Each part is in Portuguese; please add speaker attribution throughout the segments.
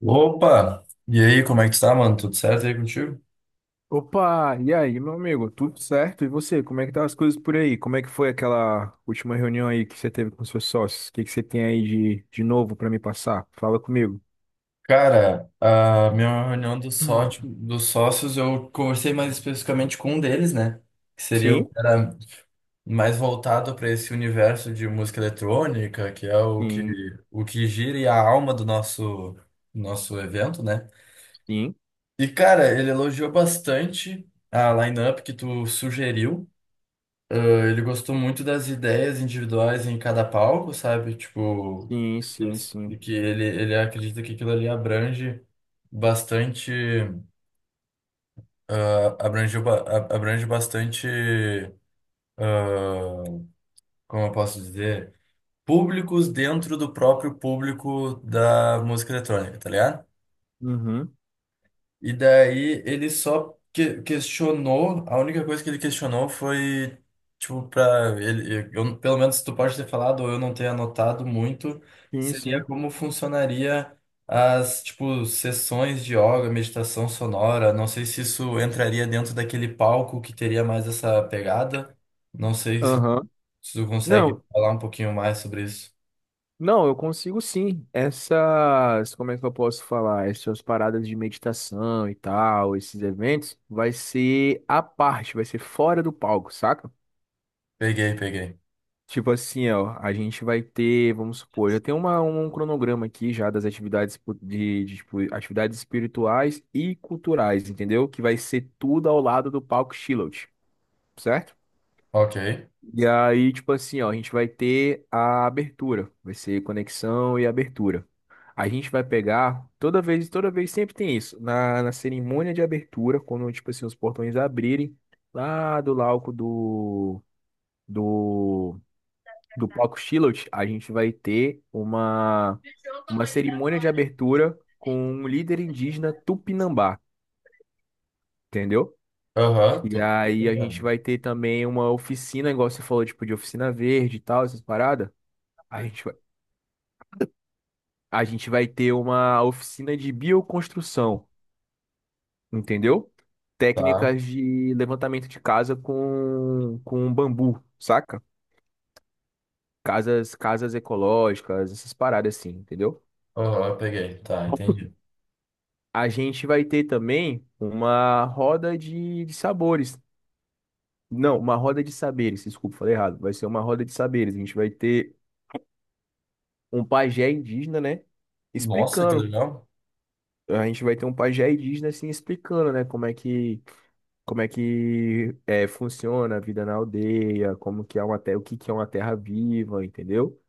Speaker 1: Opa! E aí, como é que tu tá, mano? Tudo certo aí contigo?
Speaker 2: Opa, e aí, meu amigo? Tudo certo? E você? Como é que tá as coisas por aí? Como é que foi aquela última reunião aí que você teve com seus sócios? O que que você tem aí de, novo para me passar? Fala comigo.
Speaker 1: Cara, a minha reunião dos,
Speaker 2: Hum.
Speaker 1: sócio, dos sócios, eu conversei mais especificamente com um deles, né? Que seria o
Speaker 2: Sim,
Speaker 1: cara mais voltado para esse universo de música eletrônica, que é
Speaker 2: sim,
Speaker 1: o que gira e a alma do nosso evento, né?
Speaker 2: sim,
Speaker 1: E, cara, ele elogiou bastante a lineup que tu sugeriu. Ah, Ele gostou muito das ideias individuais em cada palco, sabe? Tipo,
Speaker 2: sim, sim,
Speaker 1: Yes. E
Speaker 2: sim.
Speaker 1: que ele acredita que aquilo ali abrange bastante, abrange bastante, ah, como eu posso dizer, públicos dentro do próprio público da música eletrônica, tá ligado?
Speaker 2: Uhum,
Speaker 1: E daí ele só questionou. A única coisa que ele questionou foi, tipo, pra ele, eu, pelo menos tu pode ter falado ou eu não ter anotado muito,
Speaker 2: sim,
Speaker 1: seria
Speaker 2: sim.
Speaker 1: como funcionaria as, tipo, sessões de yoga, meditação sonora. Não sei se isso entraria dentro daquele palco que teria mais essa pegada, não sei se,
Speaker 2: Aham.
Speaker 1: se tu consegue
Speaker 2: Não,
Speaker 1: falar um pouquinho mais sobre isso.
Speaker 2: não, eu consigo sim. Essas, como é que eu posso falar? Essas paradas de meditação e tal, esses eventos, vai ser à parte, vai ser fora do palco, saca?
Speaker 1: Peguei, peguei.
Speaker 2: Tipo assim, ó, a gente vai ter, vamos supor, eu tenho um cronograma aqui já das atividades de, tipo, atividades espirituais e culturais, entendeu? Que vai ser tudo ao lado do palco Shiloh, certo?
Speaker 1: Ok.
Speaker 2: E aí, tipo assim, ó, a gente vai ter a abertura, vai ser conexão e abertura. A gente vai pegar, toda vez sempre tem isso, na cerimônia de abertura, quando, tipo assim, os portões abrirem, lá do lauco do, do do palco Shiloh, a gente vai ter uma cerimônia de abertura com um líder indígena Tupinambá, entendeu?
Speaker 1: Aham, tô
Speaker 2: E aí a gente
Speaker 1: entendendo.
Speaker 2: vai ter também uma oficina, igual você falou, tipo de oficina verde e tal, essas paradas. A gente vai, a gente vai ter uma oficina de bioconstrução, entendeu?
Speaker 1: Tá.
Speaker 2: Técnicas de levantamento de casa com, bambu, saca? Casas ecológicas, essas paradas assim, entendeu?
Speaker 1: Aham, peguei. Tá, entendi.
Speaker 2: A gente vai ter também uma roda de, sabores. Não, uma roda de saberes, desculpa, falei errado. Vai ser uma roda de saberes. A gente vai ter um pajé indígena, né?
Speaker 1: Nossa, que
Speaker 2: Explicando.
Speaker 1: legal.
Speaker 2: A gente vai ter um pajé indígena assim explicando, né? Como é que é, funciona a vida na aldeia, como que é uma terra, o que que é uma terra viva, entendeu?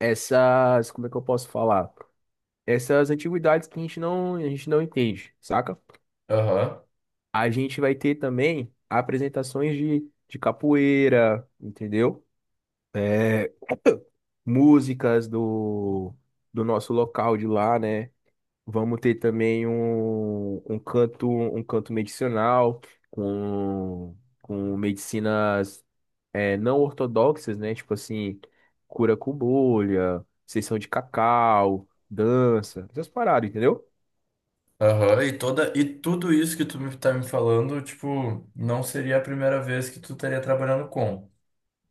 Speaker 2: Essas, como é que eu posso falar? Essas antiguidades que a gente não entende, saca?
Speaker 1: Aham,
Speaker 2: A gente vai ter também apresentações de, capoeira, entendeu? É, músicas do, nosso local de lá, né? Vamos ter também um, um canto medicinal com, medicinas é, não ortodoxas, né? Tipo assim, cura com bolha, sessão de cacau, dança, essas paradas, entendeu?
Speaker 1: aham. E e tudo isso que tá me falando, tipo, não seria a primeira vez que tu estaria trabalhando com,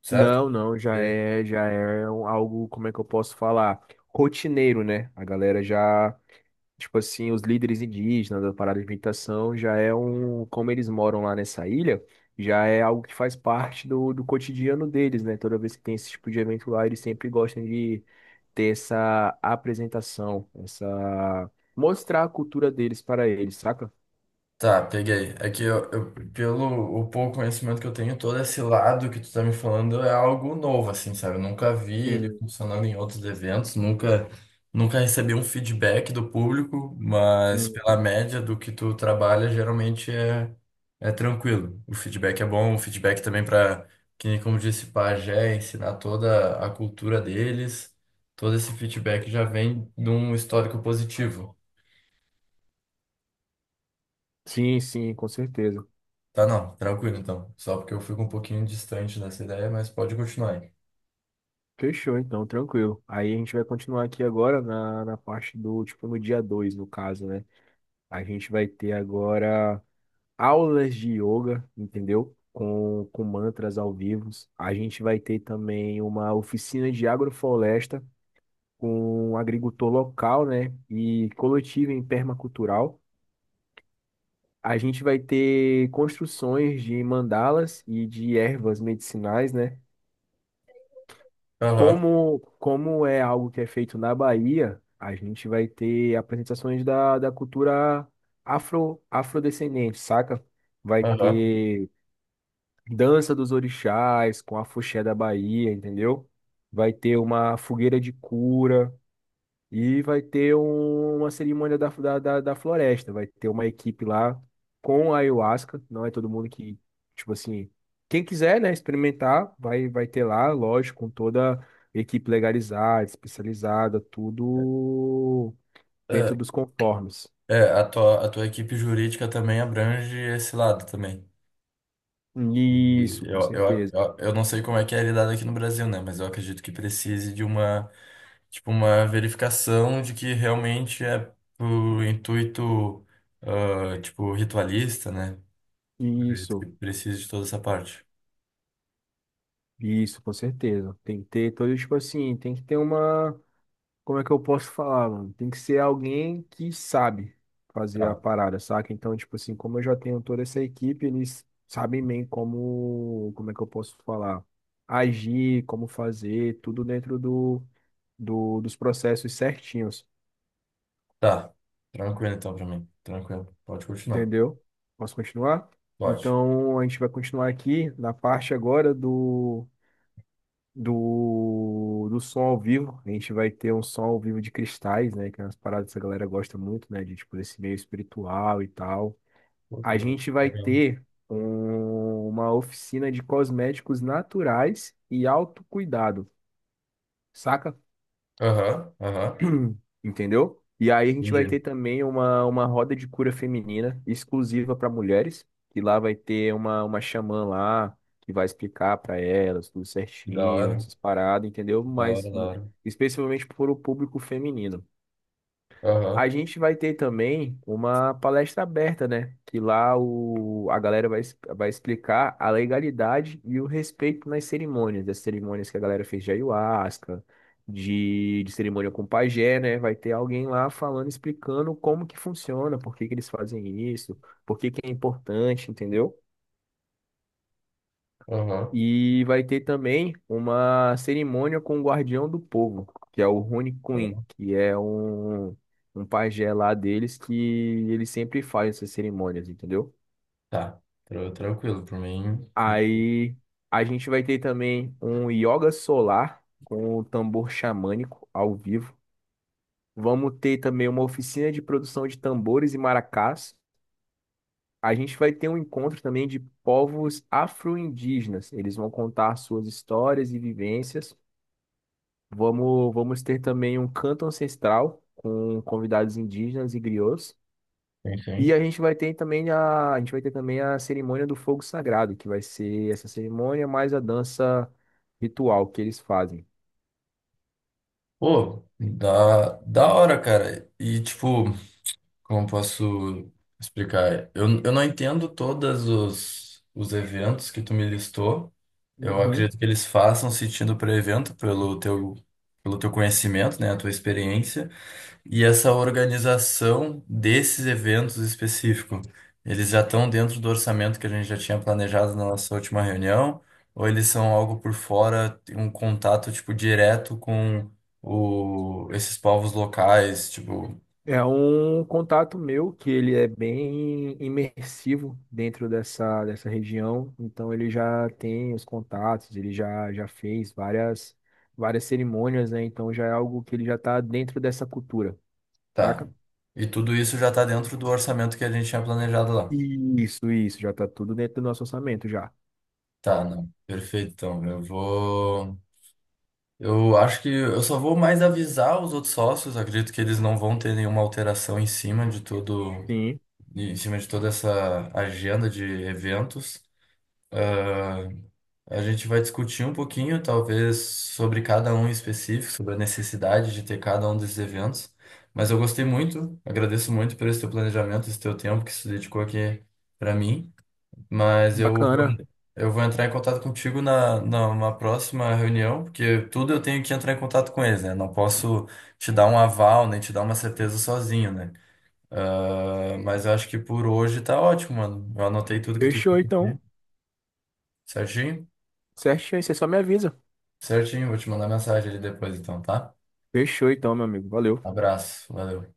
Speaker 1: certo?
Speaker 2: Não, já é algo, como é que eu posso falar? Rotineiro, né? A galera já, tipo assim, os líderes indígenas da parada de meditação já é um, como eles moram lá nessa ilha, já é algo que faz parte do, cotidiano deles, né? Toda vez que tem esse tipo de evento lá, eles sempre gostam de ter essa apresentação, essa mostrar a cultura deles para eles, saca?
Speaker 1: Tá, peguei. É que pelo o pouco conhecimento que eu tenho, todo esse lado que tu tá me falando é algo novo, assim, sabe? Eu nunca vi ele
Speaker 2: Sim,
Speaker 1: funcionando em outros eventos, nunca recebi um feedback do público, mas pela
Speaker 2: uhum.
Speaker 1: média do que tu trabalha, geralmente é tranquilo. O feedback é bom, o feedback também para, que nem como disse Pajé, ensinar toda a cultura deles, todo esse feedback já vem de um histórico positivo.
Speaker 2: Sim, sim, com certeza.
Speaker 1: Tá, não, tranquilo então. Só porque eu fico um pouquinho distante dessa ideia, mas pode continuar aí.
Speaker 2: Fechou, então, tranquilo. Aí a gente vai continuar aqui agora na parte do, tipo, no dia 2 no caso, né? A gente vai ter agora aulas de yoga, entendeu? Com, mantras ao vivo. A gente vai ter também uma oficina de agrofloresta com um agricultor local, né? E coletiva em permacultural. A gente vai ter construções de mandalas e de ervas medicinais, né?
Speaker 1: Aham,
Speaker 2: Como, como é algo que é feito na Bahia, a gente vai ter apresentações da, cultura afro, afrodescendente, saca? Vai
Speaker 1: aham.
Speaker 2: ter dança dos orixás com a afoxé da Bahia, entendeu? Vai ter uma fogueira de cura. E vai ter uma cerimônia da floresta. Vai ter uma equipe lá com a ayahuasca. Não é todo mundo que, tipo assim, quem quiser, né, experimentar, vai, vai ter lá, lógico, com toda a equipe legalizada, especializada, tudo dentro
Speaker 1: É,
Speaker 2: dos conformes.
Speaker 1: a tua, a tua equipe jurídica também abrange esse lado também. E
Speaker 2: Isso, com certeza.
Speaker 1: eu não sei como é que é lidado aqui no Brasil, né? Mas eu acredito que precise de uma, tipo, uma verificação de que realmente é pro intuito, ah, tipo, ritualista, né? Eu acredito que
Speaker 2: Isso,
Speaker 1: precise de toda essa parte.
Speaker 2: isso, com certeza. Tem que ter todo, tipo assim, tem que ter uma. Como é que eu posso falar, mano? Tem que ser alguém que sabe fazer a
Speaker 1: Tá.
Speaker 2: parada, saca? Então, tipo assim, como eu já tenho toda essa equipe, eles sabem bem como, como é que eu posso falar, agir, como fazer, tudo dentro do, dos processos certinhos,
Speaker 1: Tá, tranquilo então pra mim. Tranquilo, pode continuar.
Speaker 2: entendeu? Posso continuar?
Speaker 1: Pode.
Speaker 2: Então, a gente vai continuar aqui na parte agora do do som ao vivo. A gente vai ter um som ao vivo de cristais, né? Que é umas paradas que a galera gosta muito, né? De tipo desse meio espiritual e tal.
Speaker 1: Pô, que
Speaker 2: A
Speaker 1: legal.
Speaker 2: gente vai
Speaker 1: Legal.
Speaker 2: ter uma oficina de cosméticos naturais e autocuidado, saca?
Speaker 1: Aham, aham.
Speaker 2: Entendeu? E aí a gente vai
Speaker 1: Entendi.
Speaker 2: ter também uma, roda de cura feminina exclusiva para mulheres, que lá vai ter uma, xamã lá que vai explicar para elas tudo
Speaker 1: Da
Speaker 2: certinho,
Speaker 1: hora,
Speaker 2: essas paradas, entendeu?
Speaker 1: da
Speaker 2: Mas
Speaker 1: hora, da hora.
Speaker 2: especialmente para o público feminino.
Speaker 1: Aham,
Speaker 2: A gente vai ter também uma palestra aberta, né? Que lá o, a galera vai, vai explicar a legalidade e o respeito nas cerimônias, das cerimônias que a galera fez de ayahuasca, de, cerimônia com pajé, né? Vai ter alguém lá falando, explicando como que funciona, por que que eles fazem isso, por que que é importante, entendeu?
Speaker 1: aham.
Speaker 2: E vai ter também uma cerimônia com o Guardião do Povo, que é o Rune Queen,
Speaker 1: Ó,
Speaker 2: que é um, pajé lá deles que ele sempre faz essas cerimônias, entendeu?
Speaker 1: tá, tranquilo, por mim.
Speaker 2: Aí a gente vai ter também um yoga solar com o tambor xamânico ao vivo. Vamos ter também uma oficina de produção de tambores e maracás. A gente vai ter um encontro também de povos afro-indígenas. Eles vão contar suas histórias e vivências. Vamos ter também um canto ancestral com convidados indígenas e griots. E
Speaker 1: Enfim.
Speaker 2: a gente vai ter também a cerimônia do fogo sagrado, que vai ser essa cerimônia mais a dança ritual que eles fazem.
Speaker 1: Pô, da, da hora, cara. E, tipo, como posso explicar? Eu não entendo todos os eventos que tu me listou. Eu
Speaker 2: Uhum.
Speaker 1: acredito que eles façam sentido para evento, pelo pelo teu conhecimento, né? A tua experiência. E essa organização desses eventos específicos, eles já estão dentro do orçamento que a gente já tinha planejado na nossa última reunião, ou eles são algo por fora, tem um contato tipo direto com esses povos locais, tipo,
Speaker 2: É um contato meu que ele é bem imersivo dentro dessa, região, então ele já tem os contatos, já fez várias, cerimônias, né? Então já é algo que ele já está dentro dessa cultura. Saca?
Speaker 1: tá. E tudo isso já está dentro do orçamento que a gente tinha planejado lá.
Speaker 2: Isso, já tá tudo dentro do nosso orçamento já.
Speaker 1: Tá, não. Perfeito, então. Eu vou. Eu acho que eu só vou mais avisar os outros sócios, acredito que eles não vão ter nenhuma alteração em cima de tudo
Speaker 2: Sim,
Speaker 1: em cima de toda essa agenda de eventos. Ah, a gente vai discutir um pouquinho, talvez, sobre cada um em específico, sobre a necessidade de ter cada um desses eventos. Mas eu gostei muito, agradeço muito por esse teu planejamento, esse teu tempo que se dedicou aqui para mim. Mas
Speaker 2: bacana.
Speaker 1: eu vou entrar em contato contigo numa próxima reunião, porque tudo eu tenho que entrar em contato com eles, né? Não posso te dar um aval, nem te dar uma certeza sozinho, né? Ah, mas eu acho que por hoje tá ótimo, mano. Eu anotei tudo que tu
Speaker 2: Fechou
Speaker 1: tinha pedido.
Speaker 2: então.
Speaker 1: Certinho?
Speaker 2: Certinho, aí, você só me avisa.
Speaker 1: Certinho, vou te mandar mensagem ali depois, então, tá?
Speaker 2: Fechou então, meu amigo. Valeu.
Speaker 1: Abraço, valeu.